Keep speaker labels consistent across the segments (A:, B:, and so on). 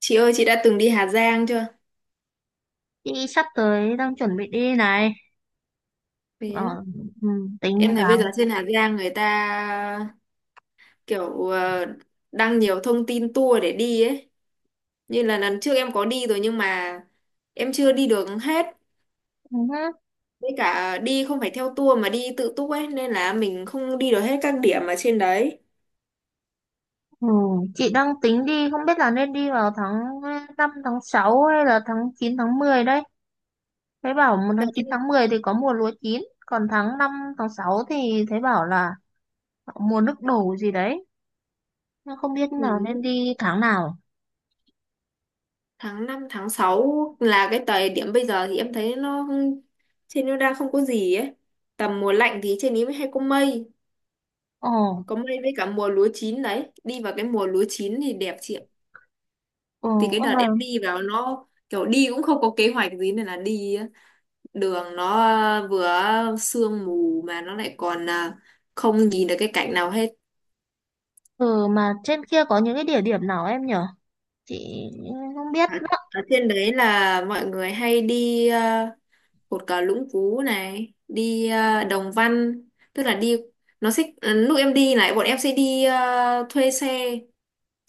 A: Chị ơi, chị đã từng đi Hà Giang chưa?
B: Chị sắp tới đang chuẩn bị đi này.
A: Thế á.
B: Ờ, ừ, tính
A: Em thấy bây giờ
B: tháng.
A: trên Hà Giang người ta kiểu đăng nhiều thông tin tour để đi ấy. Như là lần trước em có đi rồi nhưng mà em chưa đi được hết.
B: Ừ,
A: Với cả đi không phải theo tour mà đi tự túc ấy nên là mình không đi được hết các điểm ở trên đấy.
B: ừ, chị đang tính đi, không biết là nên đi vào tháng 5 tháng 6 hay là tháng 9 tháng 10 đấy. Thấy bảo một
A: Đợt
B: tháng
A: em
B: 9 tháng 10 thì có mùa lúa chín, còn tháng 5 tháng 6 thì thấy bảo là mùa nước đổ gì đấy. Nhưng không biết
A: ừ,
B: là nên đi tháng nào.
A: Tháng 5 tháng 6 là cái thời điểm bây giờ thì em thấy nó trên nó đang không có gì ấy. Tầm mùa lạnh thì trên ý mới hay có mây.
B: Ồ,
A: Có may với cả mùa lúa chín đấy, đi vào cái mùa lúa chín thì đẹp chị ạ.
B: ừ,
A: Thì cái
B: ơ
A: đợt
B: mà,
A: em đi vào nó kiểu đi cũng không có kế hoạch gì nên là đi á. Đường nó vừa sương mù mà nó lại còn không nhìn được cái cảnh nào hết.
B: ừ, mà trên kia có những cái địa điểm nào em nhở? Chị không biết
A: ở,
B: đó.
A: Ở trên đấy là mọi người hay đi cột cờ Lũng Cú này, đi Đồng Văn, tức là đi nó sẽ lúc em đi này bọn em sẽ đi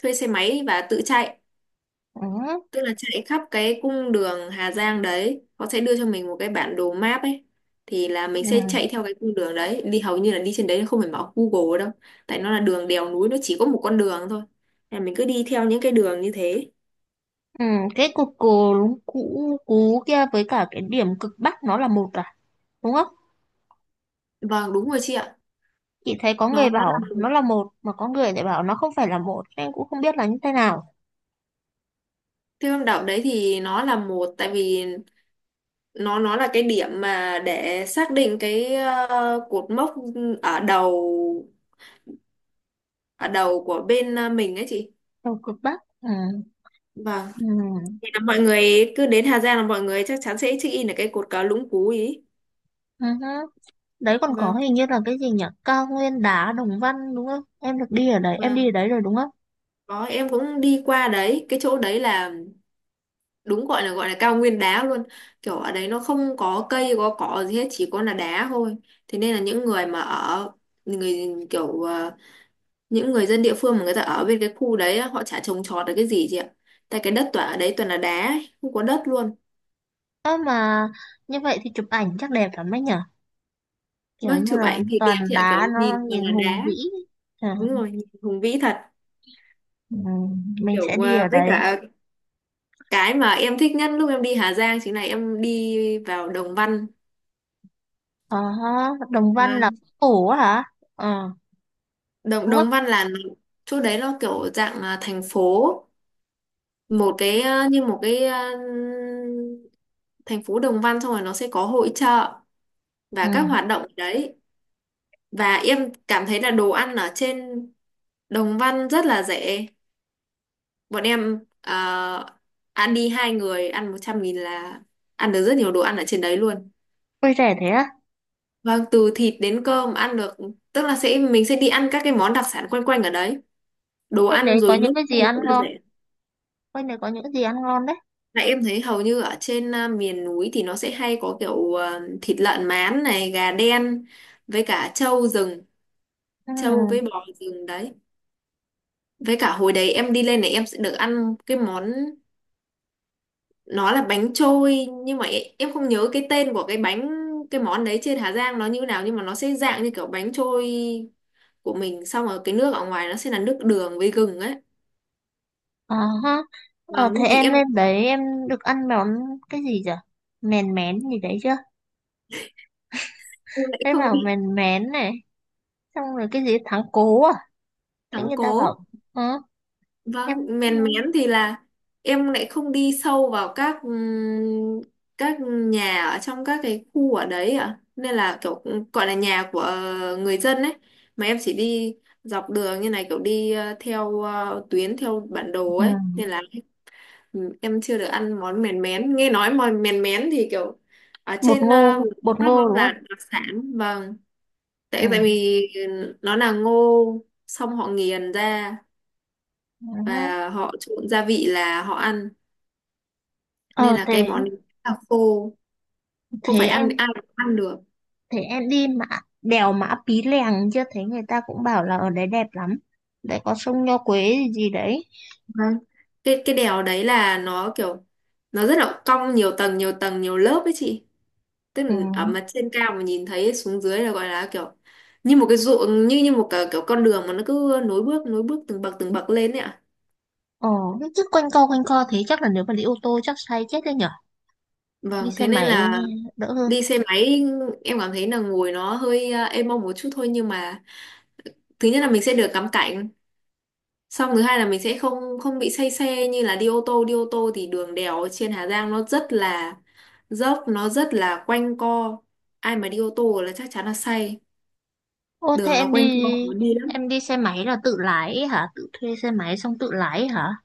A: thuê xe máy và tự chạy,
B: Ừ,
A: tức là chạy khắp cái cung đường Hà Giang đấy. Họ sẽ đưa cho mình một cái bản đồ map ấy thì là mình
B: ừ.
A: sẽ chạy theo cái cung đường đấy đi, hầu như là đi trên đấy không phải mở Google đâu, tại nó là đường đèo núi nó chỉ có một con đường thôi. Nên là mình cứ đi theo những cái đường như thế.
B: Ừ, cái cục cù cũ cú kia với cả cái điểm cực bắc nó là một à, đúng không?
A: Vâng, đúng rồi chị ạ.
B: Chị thấy có
A: nó
B: người
A: nó
B: bảo
A: là-
B: nó là một mà có người lại bảo nó không phải là một. Em cũng không biết là như thế nào.
A: Thiên Long Đảo đấy thì nó là một, tại vì nó là cái điểm mà để xác định cái cột mốc ở đầu, của bên mình ấy chị.
B: Đầu cực bắc. Ừ,
A: Vâng.
B: ừ,
A: Thì là mọi người cứ đến Hà Giang là mọi người chắc chắn sẽ check in ở cái cột cờ Lũng Cú ý.
B: ừ, hứ. Đấy còn có
A: Vâng,
B: hình như là cái gì nhỉ, cao nguyên đá Đồng Văn đúng không? Em được đi ở đấy, em đi ở
A: vâng.
B: đấy rồi đúng không?
A: Có, em cũng đi qua đấy, cái chỗ đấy là đúng gọi là cao nguyên đá luôn. Kiểu ở đấy nó không có cây, có cỏ gì hết, chỉ có là đá thôi. Thế nên là những người mà ở người kiểu ờ, những người dân địa phương mà người ta ở bên cái khu đấy á, họ chả trồng trọt được cái gì chị ạ. Tại cái đất toàn ở đấy toàn là đá, ấy, không có đất luôn.
B: Ơ mà như vậy thì chụp ảnh chắc đẹp lắm đấy nhỉ, kiểu
A: Vâng,
B: như
A: chụp
B: là
A: ảnh thì đẹp
B: toàn
A: chị ạ, kiểu
B: đá nó
A: nhìn toàn
B: nhìn
A: là
B: hùng
A: đá.
B: vĩ. ừ,
A: Đúng rồi, nhìn hùng vĩ thật.
B: ừ, mình sẽ
A: Kiểu
B: đi ở
A: với
B: đấy.
A: cả cái mà em thích nhất lúc em đi Hà Giang chính là em đi vào Đồng Văn.
B: Ờ, Đồng Văn là
A: Vâng.
B: phủ á hả? Ờ,
A: Đồng
B: đúng không?
A: Đồng Văn là chỗ đấy nó kiểu dạng là thành phố, như một cái thành phố Đồng Văn, xong rồi nó sẽ có hội chợ
B: Ừ.
A: và các hoạt động ở đấy. Và em cảm thấy là đồ ăn ở trên Đồng Văn rất là rẻ. Bọn em ăn đi hai người ăn 100.000 là ăn được rất nhiều đồ ăn ở trên đấy luôn.
B: Quê rẻ thế á?
A: Vâng, từ thịt đến cơm ăn được, tức là mình sẽ đi ăn các cái món đặc sản quanh quanh ở đấy, đồ
B: Quanh đấy
A: ăn
B: có
A: rồi nước
B: những cái
A: các
B: gì
A: thứ
B: ăn
A: rất là
B: ngon?
A: rẻ.
B: Quanh đấy có những cái gì ăn ngon đấy?
A: Tại em thấy hầu như ở trên miền núi thì nó sẽ hay có kiểu thịt lợn mán này, gà đen với cả trâu rừng,
B: Ừ.
A: trâu với bò rừng đấy. Với cả hồi đấy em đi lên này em sẽ được ăn cái món nó là bánh trôi nhưng mà em không nhớ cái tên của cái bánh, cái món đấy trên Hà Giang nó như nào, nhưng mà nó sẽ dạng như kiểu bánh trôi của mình, xong rồi cái nước ở ngoài nó sẽ là nước đường với gừng ấy.
B: Ờ, ha.
A: Và
B: Ờ, thế
A: lúc ý
B: em lên đấy em được ăn món cái gì chả? Mèn mén gì đấy chưa?
A: em lại
B: Thế
A: không
B: bảo
A: đi
B: mèn mén này. Xong rồi cái gì thắng cố à? Thế
A: thắng
B: người ta bảo,
A: cố.
B: ừ, em...
A: Vâng. Mèn mén thì là em lại không đi sâu vào các nhà ở trong các cái khu ở đấy ạ, nên là kiểu gọi là nhà của người dân ấy, mà em chỉ đi dọc đường như này kiểu đi theo tuyến theo bản đồ
B: Ừ.
A: ấy, nên là em chưa được ăn món mèn mén. Nghe nói món mèn mén thì kiểu ở trên miền
B: Bột
A: Bắc
B: ngô
A: nó
B: đúng
A: là
B: không?
A: đặc sản, vâng,
B: Ừ.
A: tại tại vì nó là ngô xong họ nghiền ra
B: Ừ.
A: và họ trộn gia vị là họ ăn, nên
B: Ờ,
A: là
B: thế,
A: cái món đấy là khô, không phải
B: thế em
A: ăn ai cũng ăn được.
B: thế em đi mà đèo Mã Pí Lèng chưa? Thấy người ta cũng bảo là ở đấy đẹp lắm, đấy có sông Nho Quế gì, gì đấy.
A: Vâng. Cái đèo đấy là nó kiểu nó rất là cong, nhiều tầng nhiều tầng nhiều lớp ấy chị, tức
B: Ừ.
A: là ở mặt trên cao mà nhìn thấy xuống dưới là gọi là kiểu như một cái ruộng, như như một cái, kiểu con đường mà nó cứ nối bước nối bước, từng bậc lên ấy ạ.
B: Ờ, chứ quanh co thế chắc là nếu mà đi ô tô chắc say chết đấy nhở. Đi
A: Vâng,
B: xe
A: thế nên
B: máy
A: là
B: đỡ hơn.
A: đi xe máy em cảm thấy là ngồi nó hơi êm mông một chút thôi, nhưng mà thứ nhất là mình sẽ được ngắm cảnh, xong thứ hai là mình sẽ không không bị say xe như là đi ô tô. Đi ô tô thì đường đèo trên Hà Giang nó rất là dốc, nó rất là quanh co. Ai mà đi ô tô là chắc chắn là say,
B: Ô thế
A: đường nó
B: em đi
A: quanh co khó đi lắm.
B: Em đi xe máy là tự lái ấy hả, tự thuê xe máy xong tự lái ấy hả?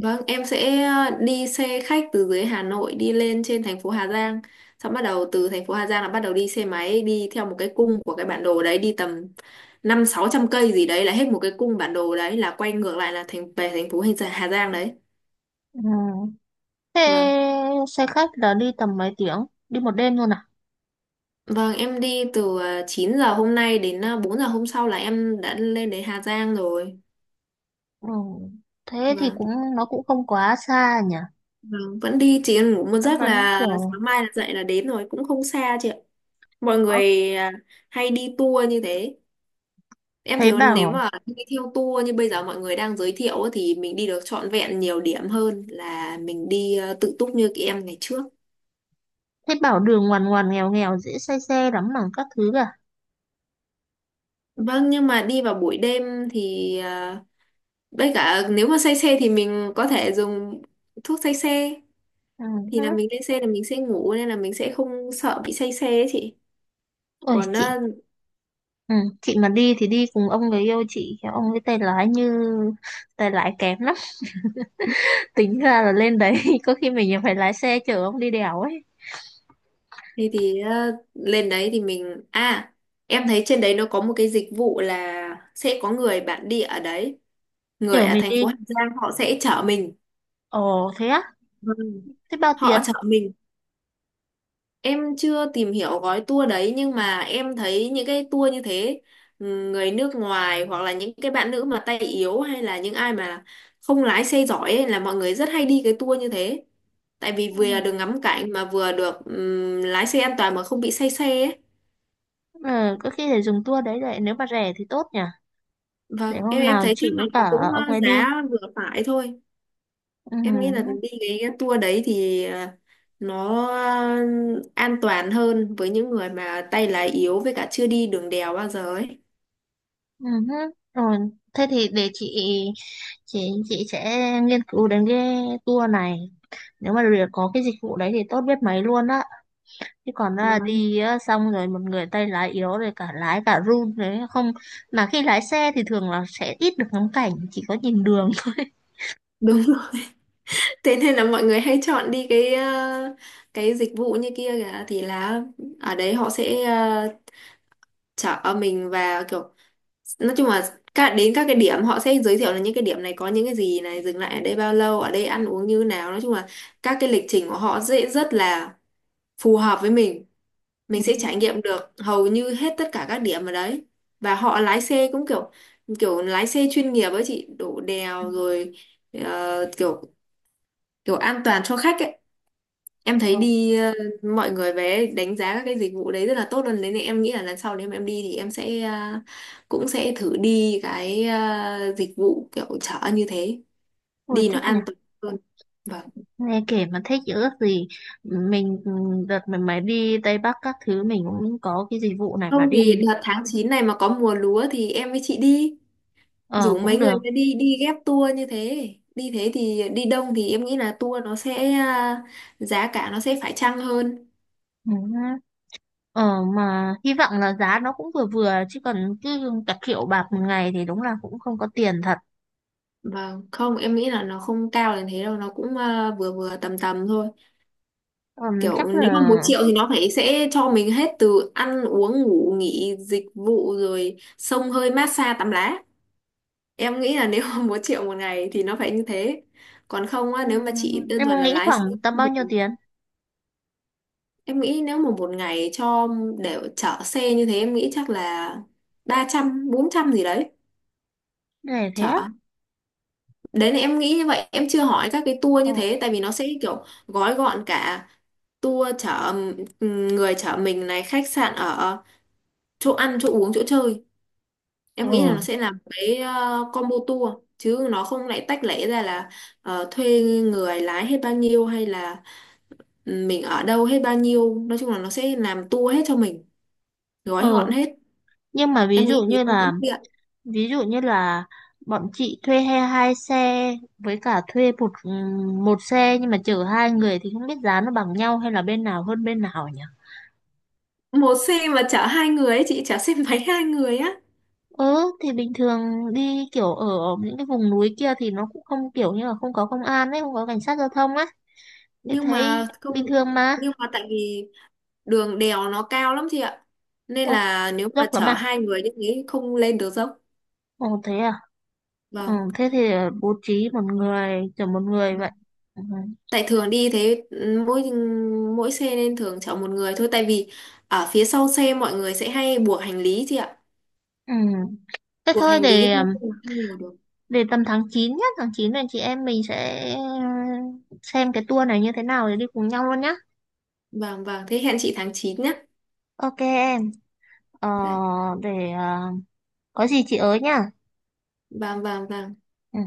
A: Vâng, em sẽ đi xe khách từ dưới Hà Nội đi lên trên thành phố Hà Giang. Xong bắt đầu từ thành phố Hà Giang là bắt đầu đi xe máy đi theo một cái cung của cái bản đồ đấy, đi tầm 500-600 cây gì đấy là hết một cái cung bản đồ đấy, là quay ngược lại là thành về thành phố Hình Hà Giang đấy.
B: Ừ. Thế
A: Vâng.
B: xe khách là đi tầm mấy tiếng, đi một đêm luôn à?
A: Vâng, em đi từ 9 giờ hôm nay đến 4 giờ hôm sau là em đã lên đến Hà Giang rồi.
B: Ừ. Thế thì
A: Vâng.
B: cũng nó cũng không quá xa nhỉ.
A: Vâng, vẫn đi chỉ cần ngủ một
B: vẫn
A: giấc
B: vẫn
A: là
B: kiểu
A: sáng mai là dậy là đến rồi, cũng không xa chị ạ. Mọi
B: có-
A: người hay đi tour như thế. Em
B: thấy
A: thấy nếu
B: bảo
A: mà đi theo tour như bây giờ mọi người đang giới thiệu ấy, thì mình đi được trọn vẹn nhiều điểm hơn là mình đi tự túc như các em ngày trước.
B: thế bảo đường ngoằn ngoằn nghèo nghèo dễ say xe lắm mà các thứ cả.
A: Vâng, nhưng mà đi vào buổi đêm thì với cả nếu mà say xe thì mình có thể dùng thuốc say xe,
B: Ừ. Hứ.
A: thì là mình lên xe là mình sẽ ngủ nên là mình sẽ không sợ bị say xe ấy chị.
B: Ôi
A: Còn
B: chị,
A: ờ,
B: ừ. Chị mà đi thì đi cùng ông người yêu chị, kiểu ông ấy tay lái như tay lái kém lắm. Tính ra là lên đấy có khi mình phải lái xe chở ông đi đèo ấy.
A: lên đấy thì mình à em thấy trên đấy nó có một cái dịch vụ là sẽ có người bản địa ở đấy, người
B: Chở
A: ở
B: mình
A: thành phố
B: đi.
A: Hà Giang họ sẽ chở mình.
B: Ồ thế á?
A: Vâng.
B: Thế bao
A: Họ
B: tiền?
A: chở mình, em chưa tìm hiểu gói tour đấy, nhưng mà em thấy những cái tour như thế ừ, người nước ngoài hoặc là những cái bạn nữ mà tay yếu hay là những ai mà không lái xe giỏi ấy, là mọi người rất hay đi cái tour như thế, tại vì
B: Ừ.
A: vừa được ngắm cảnh mà vừa được lái xe an toàn mà không bị say xe ấy.
B: Ờ, có khi để dùng tour đấy vậy, nếu mà rẻ thì tốt nhỉ. Để
A: Vâng,
B: hôm
A: em
B: nào
A: thấy chắc
B: chị
A: là
B: với
A: nó
B: cả
A: cũng
B: ông ấy đi.
A: giá vừa phải thôi.
B: Ừ.
A: Em nghĩ là đi cái tour đấy thì nó an toàn hơn với những người mà tay lái yếu, với cả chưa đi đường đèo bao giờ ấy.
B: Ừ. Ừ. Rồi, thế thì để chị sẽ nghiên cứu đến cái tour này, nếu mà được có cái dịch vụ đấy thì tốt biết mấy luôn á. Chứ còn là
A: Vâng.
B: đi á, xong rồi một người tay lái yếu rồi cả lái cả run đấy không, mà khi lái xe thì thường là sẽ ít được ngắm cảnh, chỉ có nhìn đường thôi.
A: Đúng rồi. Thế nên là mọi người hay chọn đi cái dịch vụ như kia kìa, thì là ở đấy họ sẽ chở mình, và kiểu nói chung là cả đến các cái điểm họ sẽ giới thiệu là những cái điểm này có những cái gì này, dừng lại ở đây bao lâu, ở đây ăn uống như nào, nói chung là các cái lịch trình của họ dễ rất là phù hợp với mình sẽ trải nghiệm được hầu như hết tất cả các điểm ở đấy. Và họ lái xe cũng kiểu kiểu lái xe chuyên nghiệp ấy chị, đổ đèo rồi kiểu kiểu an toàn cho khách ấy. Em thấy
B: Ờ,
A: đi mọi người về đánh giá các cái dịch vụ đấy rất là tốt luôn đấy, nên em nghĩ là lần sau nếu mà em đi thì em sẽ cũng sẽ thử đi cái dịch vụ kiểu chở như thế,
B: ôi
A: đi nó
B: thích nhỉ.
A: an toàn hơn. Vâng,
B: Nghe kể mà thích chứ ước gì mình đợt mình mới đi Tây Bắc các thứ mình cũng có cái dịch vụ này mà
A: không thì
B: đi.
A: đợt tháng 9 này mà có mùa lúa thì em với chị đi,
B: Ờ
A: rủ
B: cũng
A: mấy người
B: được.
A: ra đi đi ghép tour như thế đi, thế thì đi đông thì em nghĩ là tour nó sẽ giá cả nó sẽ phải chăng hơn.
B: Ừ. Ờ, mà hy vọng là giá nó cũng vừa vừa, chứ còn cứ cả triệu bạc một ngày thì đúng là cũng không có tiền thật.
A: Vâng, không, em nghĩ là nó không cao đến thế đâu, nó cũng vừa vừa tầm tầm thôi. Kiểu
B: Chắc
A: nếu mà một
B: là.
A: triệu thì nó phải sẽ cho mình hết từ ăn uống ngủ nghỉ dịch vụ rồi xông hơi massage tắm lá, em nghĩ là nếu mà một triệu một ngày thì nó phải như thế, còn không á
B: Ừ,
A: nếu mà chỉ đơn
B: em
A: thuần
B: muốn
A: là
B: nghĩ
A: lái
B: khoảng
A: xe.
B: tầm bao nhiêu tiền?
A: Em nghĩ nếu mà một ngày cho để chở xe như thế, em nghĩ chắc là 300-400 gì đấy.
B: Để thế á.
A: Chở. Đấy là em nghĩ như vậy. Em chưa hỏi các cái tour
B: Ờ.
A: như thế tại vì nó sẽ kiểu gói gọn cả tour chở, người chở mình này, khách sạn ở, chỗ ăn, chỗ uống, chỗ chơi.
B: Ờ,
A: Em nghĩ là nó sẽ là một cái combo tour, chứ nó không lại tách lẻ ra là thuê người lái hết bao nhiêu hay là mình ở đâu hết bao nhiêu. Nói chung là nó sẽ làm tour hết cho mình,
B: ờ
A: gói gọn hết.
B: nhưng mà ví
A: Em
B: dụ
A: nghĩ nghĩ
B: như
A: em cũng
B: là
A: tiện
B: ví dụ như là bọn chị thuê hai hai xe với cả thuê một một xe nhưng mà chở hai người thì không biết giá nó bằng nhau hay là bên nào hơn bên nào nhỉ?
A: một xe mà chở hai người ấy chị, chở xe máy hai người á.
B: Ừ, thì bình thường đi kiểu ở những cái vùng núi kia thì nó cũng không kiểu như là không có công an ấy, không có cảnh sát giao thông á thì
A: Nhưng mà
B: thấy
A: không,
B: bình thường mà.
A: nhưng mà tại vì đường đèo nó cao lắm chị ạ, nên
B: Ô,
A: là nếu mà
B: dốc lắm
A: chở
B: à?
A: hai người như thế không lên được dốc.
B: Ồ thế à. Ừ,
A: Vâng,
B: thế thì bố trí một người kiểu một người vậy. Ừ.
A: tại thường đi thế mỗi mỗi xe nên thường chở một người thôi, tại vì ở phía sau xe mọi người sẽ hay buộc hành lý chị ạ,
B: Ừ. Thế
A: buộc
B: thôi
A: hành lý nên là không ngồi được.
B: để tầm tháng 9 nhá, tháng 9 này chị em mình sẽ xem cái tour này như thế nào để đi cùng nhau luôn nhá.
A: Vâng, vâng, thế hẹn chị tháng 9 nhé.
B: OK em. Ờ,
A: Dạ.
B: để có gì chị ới nhá.
A: Vâng, vâng, vâng.
B: Ừ.